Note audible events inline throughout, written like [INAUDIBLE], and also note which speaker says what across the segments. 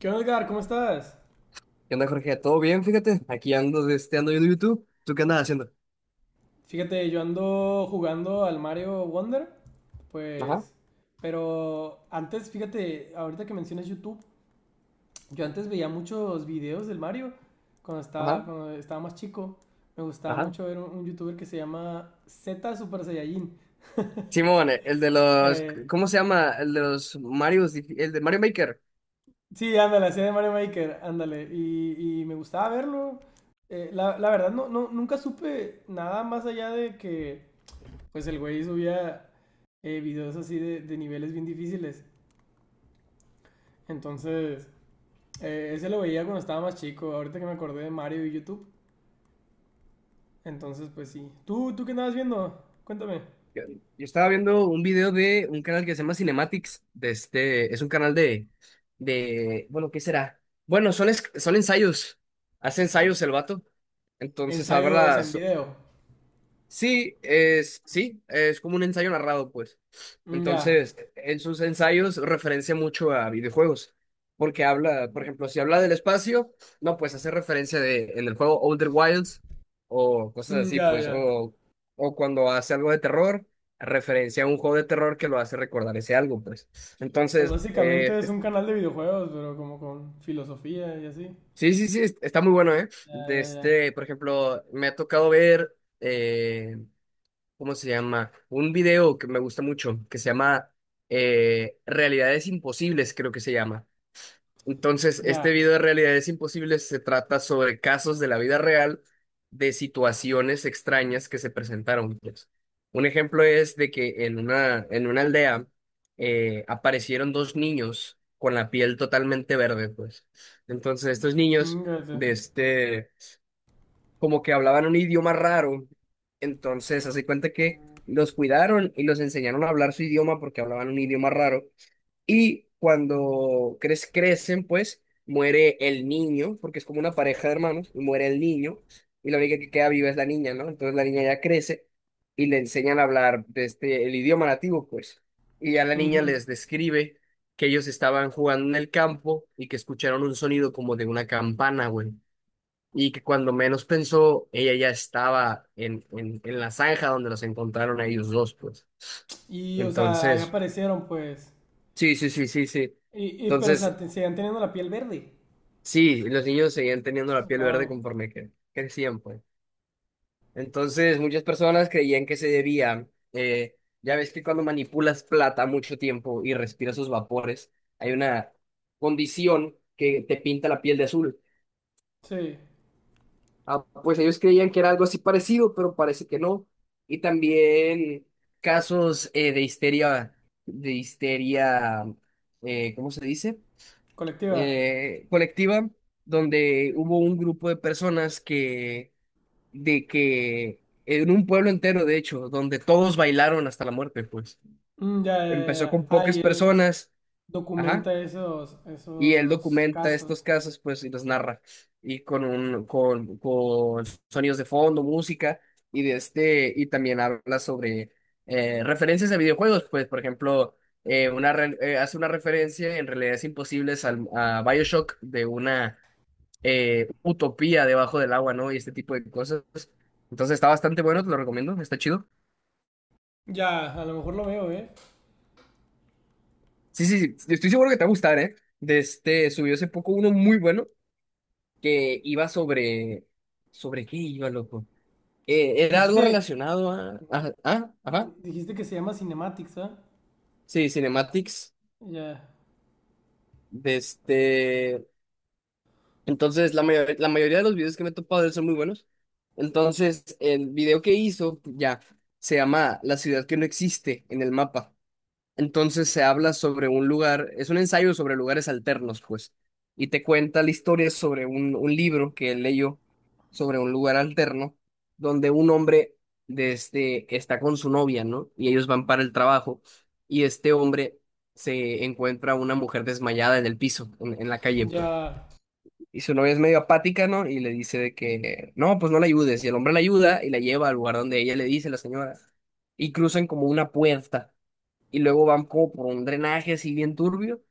Speaker 1: ¿Qué onda, Edgar? ¿Cómo estás?
Speaker 2: ¿Qué onda, Jorge? ¿Todo bien? Fíjate, aquí ando, ando viendo YouTube. ¿Tú qué andas haciendo?
Speaker 1: Fíjate, yo ando jugando al Mario Wonder,
Speaker 2: Ajá,
Speaker 1: pues... Pero antes, fíjate, ahorita que mencionas YouTube, yo antes veía muchos videos del Mario cuando estaba,
Speaker 2: ajá,
Speaker 1: cuando estaba más chico. Me gustaba
Speaker 2: ajá.
Speaker 1: mucho ver un youtuber que se llama Z Super Saiyajin.
Speaker 2: Simón, el de los,
Speaker 1: Eh,
Speaker 2: ¿cómo se llama? El de los Marios, el de Mario Maker.
Speaker 1: sí, ándale, hacía de Mario Maker, ándale. Y me gustaba verlo. La verdad, no, nunca supe nada más allá de que, pues, el güey subía videos así de niveles bien difíciles. Entonces, ese lo veía cuando estaba más chico. Ahorita que me acordé de Mario y YouTube. Entonces, pues sí. ¿Tú qué andabas viendo? Cuéntame.
Speaker 2: Yo, yo estaba viendo un video de un canal que se llama Cinematics, es un canal de, bueno, ¿qué será? Bueno, son ensayos, hace ensayos el vato. Entonces
Speaker 1: Ensayos
Speaker 2: habla,
Speaker 1: en video.
Speaker 2: sí, sí, es como un ensayo narrado, pues.
Speaker 1: Mm, ya.
Speaker 2: Entonces, en sus ensayos referencia mucho a videojuegos, porque habla, por ejemplo, si habla del espacio, no, pues hace referencia de, en el juego Older Wilds o cosas
Speaker 1: Mm,
Speaker 2: así,
Speaker 1: ya,
Speaker 2: pues,
Speaker 1: ya.
Speaker 2: o cuando hace algo de terror, referencia a un juego de terror que lo hace recordar ese algo, pues.
Speaker 1: Pues
Speaker 2: Entonces,
Speaker 1: básicamente es un canal de videojuegos, pero como con filosofía y así.
Speaker 2: sí, sí, sí, está muy bueno, ¿eh?
Speaker 1: Ya,
Speaker 2: De
Speaker 1: ya, ya.
Speaker 2: este, por ejemplo, me ha tocado ver. ¿Cómo se llama? Un video que me gusta mucho, que se llama Realidades Imposibles, creo que se llama. Entonces,
Speaker 1: Ya.
Speaker 2: este video de Realidades Imposibles se trata sobre casos de la vida real de situaciones extrañas que se presentaron, pues. Un ejemplo es de que en una aldea aparecieron dos niños con la piel totalmente verde, pues. Entonces, estos niños
Speaker 1: Mm, ya sé.
Speaker 2: de este como que hablaban un idioma raro. Entonces, hace cuenta que los cuidaron y los enseñaron a hablar su idioma porque hablaban un idioma raro. Y cuando crecen, pues muere el niño, porque es como una pareja de hermanos, y muere el niño, y la única que queda viva es la niña, ¿no? Entonces la niña ya crece y le enseñan a hablar el idioma nativo, pues. Y ya la niña
Speaker 1: Ujú.
Speaker 2: les describe que ellos estaban jugando en el campo y que escucharon un sonido como de una campana, güey, y que cuando menos pensó, ella ya estaba en la zanja donde los encontraron a ellos dos, pues.
Speaker 1: Y, o sea, ahí
Speaker 2: Entonces,
Speaker 1: aparecieron, pues.
Speaker 2: sí, sí, sí, sí, sí.
Speaker 1: Y pero, o sea,
Speaker 2: Entonces,
Speaker 1: seguían teniendo la piel verde.
Speaker 2: sí, los niños seguían teniendo la piel verde
Speaker 1: Wow.
Speaker 2: conforme que crecían, pues. Entonces, muchas personas creían que se debía, eh, ya ves que cuando manipulas plata mucho tiempo y respiras sus vapores, hay una condición que te pinta la piel de azul.
Speaker 1: Sí.
Speaker 2: Ah, pues ellos creían que era algo así parecido, pero parece que no. Y también casos de histeria, de histeria, ¿cómo se dice?
Speaker 1: Colectiva.
Speaker 2: Colectiva, donde hubo un grupo de personas que, de que, en un pueblo entero, de hecho, donde todos bailaron hasta la muerte, pues.
Speaker 1: Mm, ya, ya, ya.
Speaker 2: Empezó
Speaker 1: Ya.
Speaker 2: con
Speaker 1: Ah,
Speaker 2: pocas
Speaker 1: y él
Speaker 2: personas, ajá.
Speaker 1: documenta esos,
Speaker 2: Y él
Speaker 1: esos
Speaker 2: documenta estos
Speaker 1: casos.
Speaker 2: casos, pues, y los narra. Y con con sonidos de fondo, música, y y también habla sobre referencias a videojuegos, pues, por ejemplo, hace una referencia en realidades imposibles a BioShock de una utopía debajo del agua, ¿no? Y este tipo de cosas. Entonces está bastante bueno, te lo recomiendo, está chido.
Speaker 1: Ya, a lo mejor lo veo, ¿eh?
Speaker 2: Sí, sí, sí, estoy seguro que te va a gustar, ¿eh? De este, subió hace poco uno muy bueno que iba sobre... ¿Sobre qué iba, loco? Era algo
Speaker 1: Dijiste,
Speaker 2: relacionado a... ajá.
Speaker 1: dijiste que se llama Cinematics, ¿ah?
Speaker 2: Sí, cinematics.
Speaker 1: Ya,
Speaker 2: De este... Entonces, la mayoría de los videos que me he topado de él son muy buenos. Entonces, el video que hizo, ya, se llama La ciudad que no existe en el mapa. Entonces se habla sobre un lugar, es un ensayo sobre lugares alternos, pues, y te cuenta la historia sobre un libro que él leyó sobre un lugar alterno, donde un hombre está con su novia, ¿no? Y ellos van para el trabajo, y este hombre se encuentra una mujer desmayada en el piso, en la calle, pues.
Speaker 1: ya.
Speaker 2: Y su novia es medio apática, ¿no? Y le dice de que, no, pues no la ayudes. Y el hombre la ayuda y la lleva al lugar donde ella le dice, la señora. Y cruzan como una puerta y luego van como por un drenaje así bien turbio.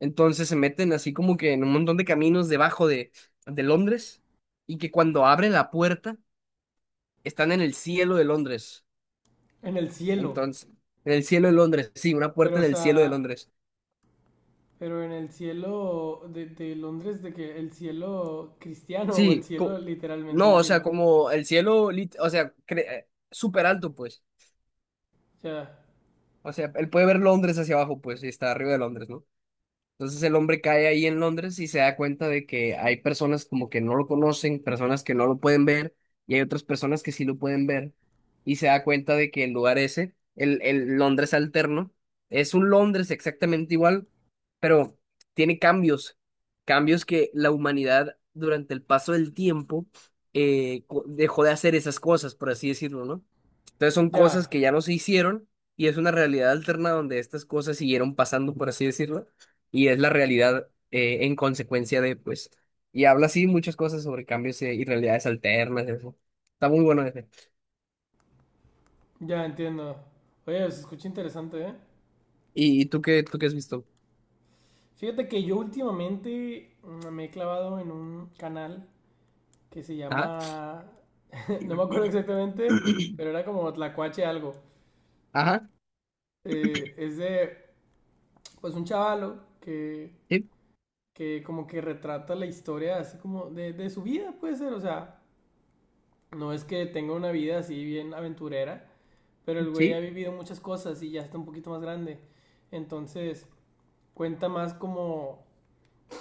Speaker 2: Entonces se meten así como que en un montón de caminos debajo de Londres y que cuando abren la puerta están en el cielo de Londres.
Speaker 1: En el cielo.
Speaker 2: Entonces, en el cielo de Londres, sí, una
Speaker 1: Pero,
Speaker 2: puerta
Speaker 1: o
Speaker 2: en el cielo de
Speaker 1: sea,
Speaker 2: Londres.
Speaker 1: pero en el cielo de, Londres, de que el cielo cristiano o el
Speaker 2: Sí,
Speaker 1: cielo,
Speaker 2: co-
Speaker 1: literalmente
Speaker 2: no,
Speaker 1: el
Speaker 2: o sea,
Speaker 1: cielo.
Speaker 2: como el cielo, o sea, súper alto, pues.
Speaker 1: Ya,
Speaker 2: O sea, él puede ver Londres hacia abajo, pues, y está arriba de Londres, ¿no? Entonces el hombre cae ahí en Londres y se da cuenta de que hay personas como que no lo conocen, personas que no lo pueden ver y hay otras personas que sí lo pueden ver. Y se da cuenta de que el lugar ese, el Londres alterno, es un Londres exactamente igual, pero tiene cambios, cambios que la humanidad durante el paso del tiempo dejó de hacer esas cosas, por así decirlo, ¿no? Entonces son cosas
Speaker 1: ya,
Speaker 2: que ya no se hicieron y es una realidad alterna donde estas cosas siguieron pasando, por así decirlo, y es la realidad en consecuencia de, pues, y habla así muchas cosas sobre cambios y realidades alternas, eso. Está muy bueno ese.
Speaker 1: ya entiendo. Oye, se escucha interesante, ¿eh?
Speaker 2: ¿Y, tú qué has visto?
Speaker 1: Fíjate que yo últimamente me he clavado en un canal que se
Speaker 2: Ajá.
Speaker 1: llama, [LAUGHS] no me acuerdo exactamente,
Speaker 2: [CLEARS THROAT]
Speaker 1: pero era como Tlacuache algo.
Speaker 2: Ajá.
Speaker 1: Es de, pues, un chavalo que,
Speaker 2: Sí,
Speaker 1: que como que retrata la historia así como de su vida, puede ser, o sea, no es que tenga una vida así bien aventurera, pero el güey ha
Speaker 2: sí,
Speaker 1: vivido muchas cosas y ya está un poquito más grande. Entonces, cuenta más como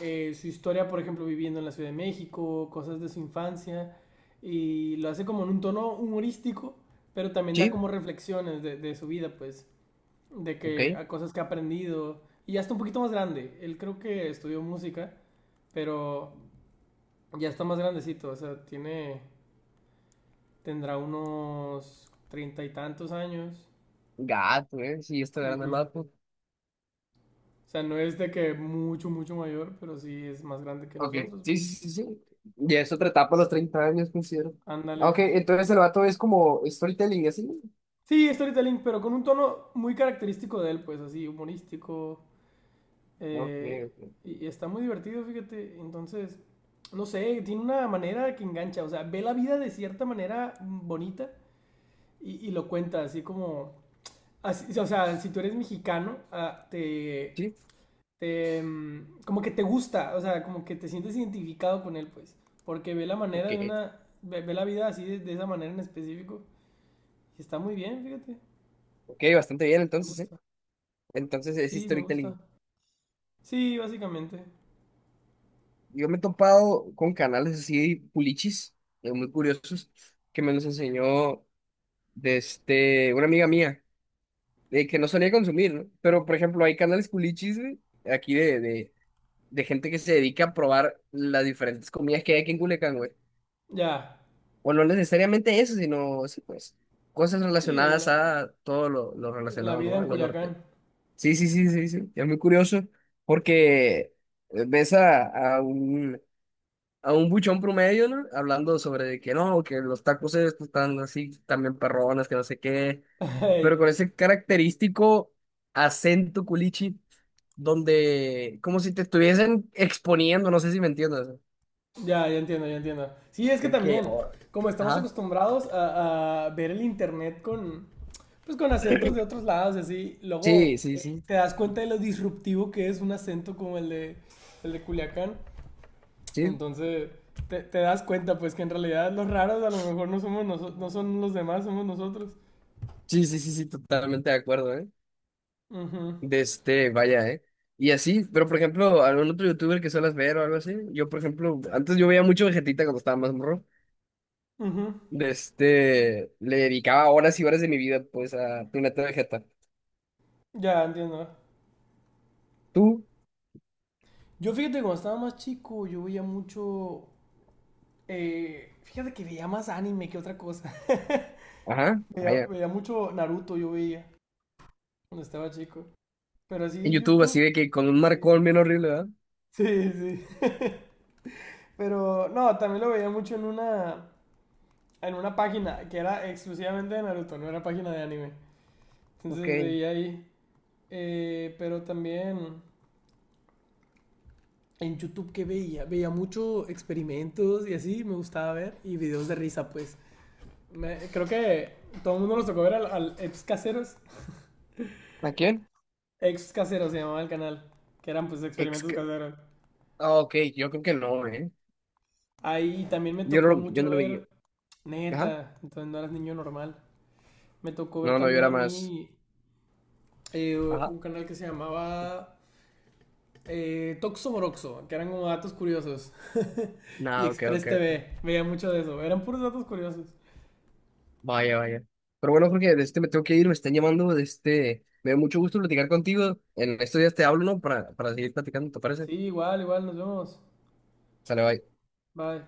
Speaker 1: su historia, por ejemplo, viviendo en la Ciudad de México, cosas de su infancia, y lo hace como en un tono humorístico, pero también da
Speaker 2: sí.
Speaker 1: como reflexiones de su vida, pues, de que
Speaker 2: Ok.
Speaker 1: a cosas que ha aprendido, y ya está un poquito más grande, él creo que estudió música, pero ya está más grandecito, o sea, tiene, tendrá unos treinta y tantos años.
Speaker 2: Gato, eh. Sí, está grande
Speaker 1: Ujú.
Speaker 2: el vato.
Speaker 1: O sea, no es de que mucho, mucho mayor, pero sí es más grande que
Speaker 2: Ok.
Speaker 1: nosotros,
Speaker 2: Sí,
Speaker 1: pues.
Speaker 2: sí, sí, sí. Ya es otra etapa a los 30 años, considero.
Speaker 1: Ándale.
Speaker 2: Ah, ok, entonces el vato es como storytelling, así.
Speaker 1: Sí, storytelling, pero con un tono muy característico de él, pues así, humorístico.
Speaker 2: Ok,
Speaker 1: eh,
Speaker 2: ok.
Speaker 1: y está muy divertido, fíjate. Entonces, no sé, tiene una manera que engancha. O sea, ve la vida de cierta manera bonita y lo cuenta así como... o sea, si tú eres mexicano, ah,
Speaker 2: Sí,
Speaker 1: como que te gusta, o sea, como que te sientes identificado con él, pues. Porque ve la manera
Speaker 2: ok.
Speaker 1: de una. Ve la vida así de, esa manera en específico. Y está muy bien, fíjate.
Speaker 2: Ok, bastante bien
Speaker 1: Me
Speaker 2: entonces, ¿eh?
Speaker 1: gusta.
Speaker 2: Entonces es
Speaker 1: Sí, me
Speaker 2: storytelling.
Speaker 1: gusta. Sí, básicamente.
Speaker 2: Yo me he topado con canales así pulichis, muy curiosos, que me los enseñó una amiga mía, de que no solía consumir, ¿no? Pero, por ejemplo, hay canales pulichis, güey, aquí de gente que se dedica a probar las diferentes comidas que hay aquí en Culiacán, güey.
Speaker 1: Ya.
Speaker 2: O no necesariamente eso, sino, sí, pues, cosas
Speaker 1: Sí,
Speaker 2: relacionadas
Speaker 1: la,
Speaker 2: a todo lo
Speaker 1: la
Speaker 2: relacionado,
Speaker 1: vida
Speaker 2: ¿no?
Speaker 1: en
Speaker 2: A lo norte.
Speaker 1: Culiacán.
Speaker 2: Sí, sí, sí, sí, sí. Es muy curioso porque ves a un buchón promedio, ¿no? Hablando sobre de que no, que los tacos estos están así, también perrones, que no sé qué,
Speaker 1: [LAUGHS]
Speaker 2: pero
Speaker 1: Ey,
Speaker 2: con ese característico acento culichi, donde como si te estuviesen exponiendo, no sé si me entiendes,
Speaker 1: ya, ya entiendo, ya entiendo. Sí, es que
Speaker 2: de que,
Speaker 1: también,
Speaker 2: oh,
Speaker 1: como estamos
Speaker 2: ajá,
Speaker 1: acostumbrados a ver el internet pues, con acentos de otros lados y así,
Speaker 2: sí,
Speaker 1: luego
Speaker 2: sí, sí,
Speaker 1: te das cuenta de lo disruptivo que es un acento como el de Culiacán.
Speaker 2: sí,
Speaker 1: Entonces, te das cuenta, pues, que en realidad los raros a lo mejor no somos noso- no son los demás, somos nosotros.
Speaker 2: sí, sí, sí, sí, totalmente de acuerdo, ¿eh?
Speaker 1: Ujú,
Speaker 2: De este, vaya, ¿eh? Y así, pero por ejemplo, algún otro youtuber que suelas ver o algo así, yo por ejemplo, antes yo veía mucho Vegetita cuando estaba más morro.
Speaker 1: ujú.
Speaker 2: De este, le dedicaba horas y horas de mi vida, pues, a Planeta Vegeta.
Speaker 1: Ya, entiendo.
Speaker 2: Tú,
Speaker 1: Yo fíjate, cuando estaba más chico, yo veía mucho. Fíjate que veía más anime que otra cosa. [LAUGHS]
Speaker 2: ajá,
Speaker 1: Veía,
Speaker 2: vaya.
Speaker 1: veía mucho Naruto, yo veía cuando estaba chico. Pero así
Speaker 2: En
Speaker 1: de
Speaker 2: YouTube,
Speaker 1: YouTube.
Speaker 2: así de que con un
Speaker 1: eh,
Speaker 2: marcón
Speaker 1: [LAUGHS]
Speaker 2: bien horrible, ¿verdad?
Speaker 1: sí, sí. Pero no, también lo veía mucho en una, página que era exclusivamente de Naruto, no era página de anime.
Speaker 2: Ok.
Speaker 1: Entonces veía ahí. Pero también en YouTube que veía mucho experimentos y así, me gustaba ver. Y videos de risa, pues. Creo que todo el mundo nos tocó ver al ex caseros.
Speaker 2: ¿A quién?
Speaker 1: Ex caseros se llamaba el canal. Que eran pues
Speaker 2: Ex,
Speaker 1: experimentos caseros.
Speaker 2: ah, ok, yo creo que no, ¿eh?
Speaker 1: Ahí también me
Speaker 2: Yo no,
Speaker 1: tocó
Speaker 2: yo
Speaker 1: mucho
Speaker 2: no lo veía.
Speaker 1: ver.
Speaker 2: Ajá.
Speaker 1: Neta, entonces no eras niño normal. Me tocó ver
Speaker 2: No, no, yo
Speaker 1: también
Speaker 2: era
Speaker 1: a
Speaker 2: más.
Speaker 1: mí
Speaker 2: Ajá.
Speaker 1: un canal que se llamaba Toxo Moroxo, que eran como datos curiosos. [LAUGHS] Y
Speaker 2: No, ok,
Speaker 1: Express
Speaker 2: ok, ok.
Speaker 1: TV, veía mucho de eso. Eran puros datos curiosos.
Speaker 2: Vaya, vaya. Pero bueno, Jorge, de
Speaker 1: Sí,
Speaker 2: este me tengo que ir, me están llamando, de este. Me dio mucho gusto platicar contigo. En estos días te hablo, ¿no? Para seguir platicando, ¿te
Speaker 1: sí
Speaker 2: parece?
Speaker 1: igual, igual, nos vemos.
Speaker 2: Sale, bye.
Speaker 1: Bye.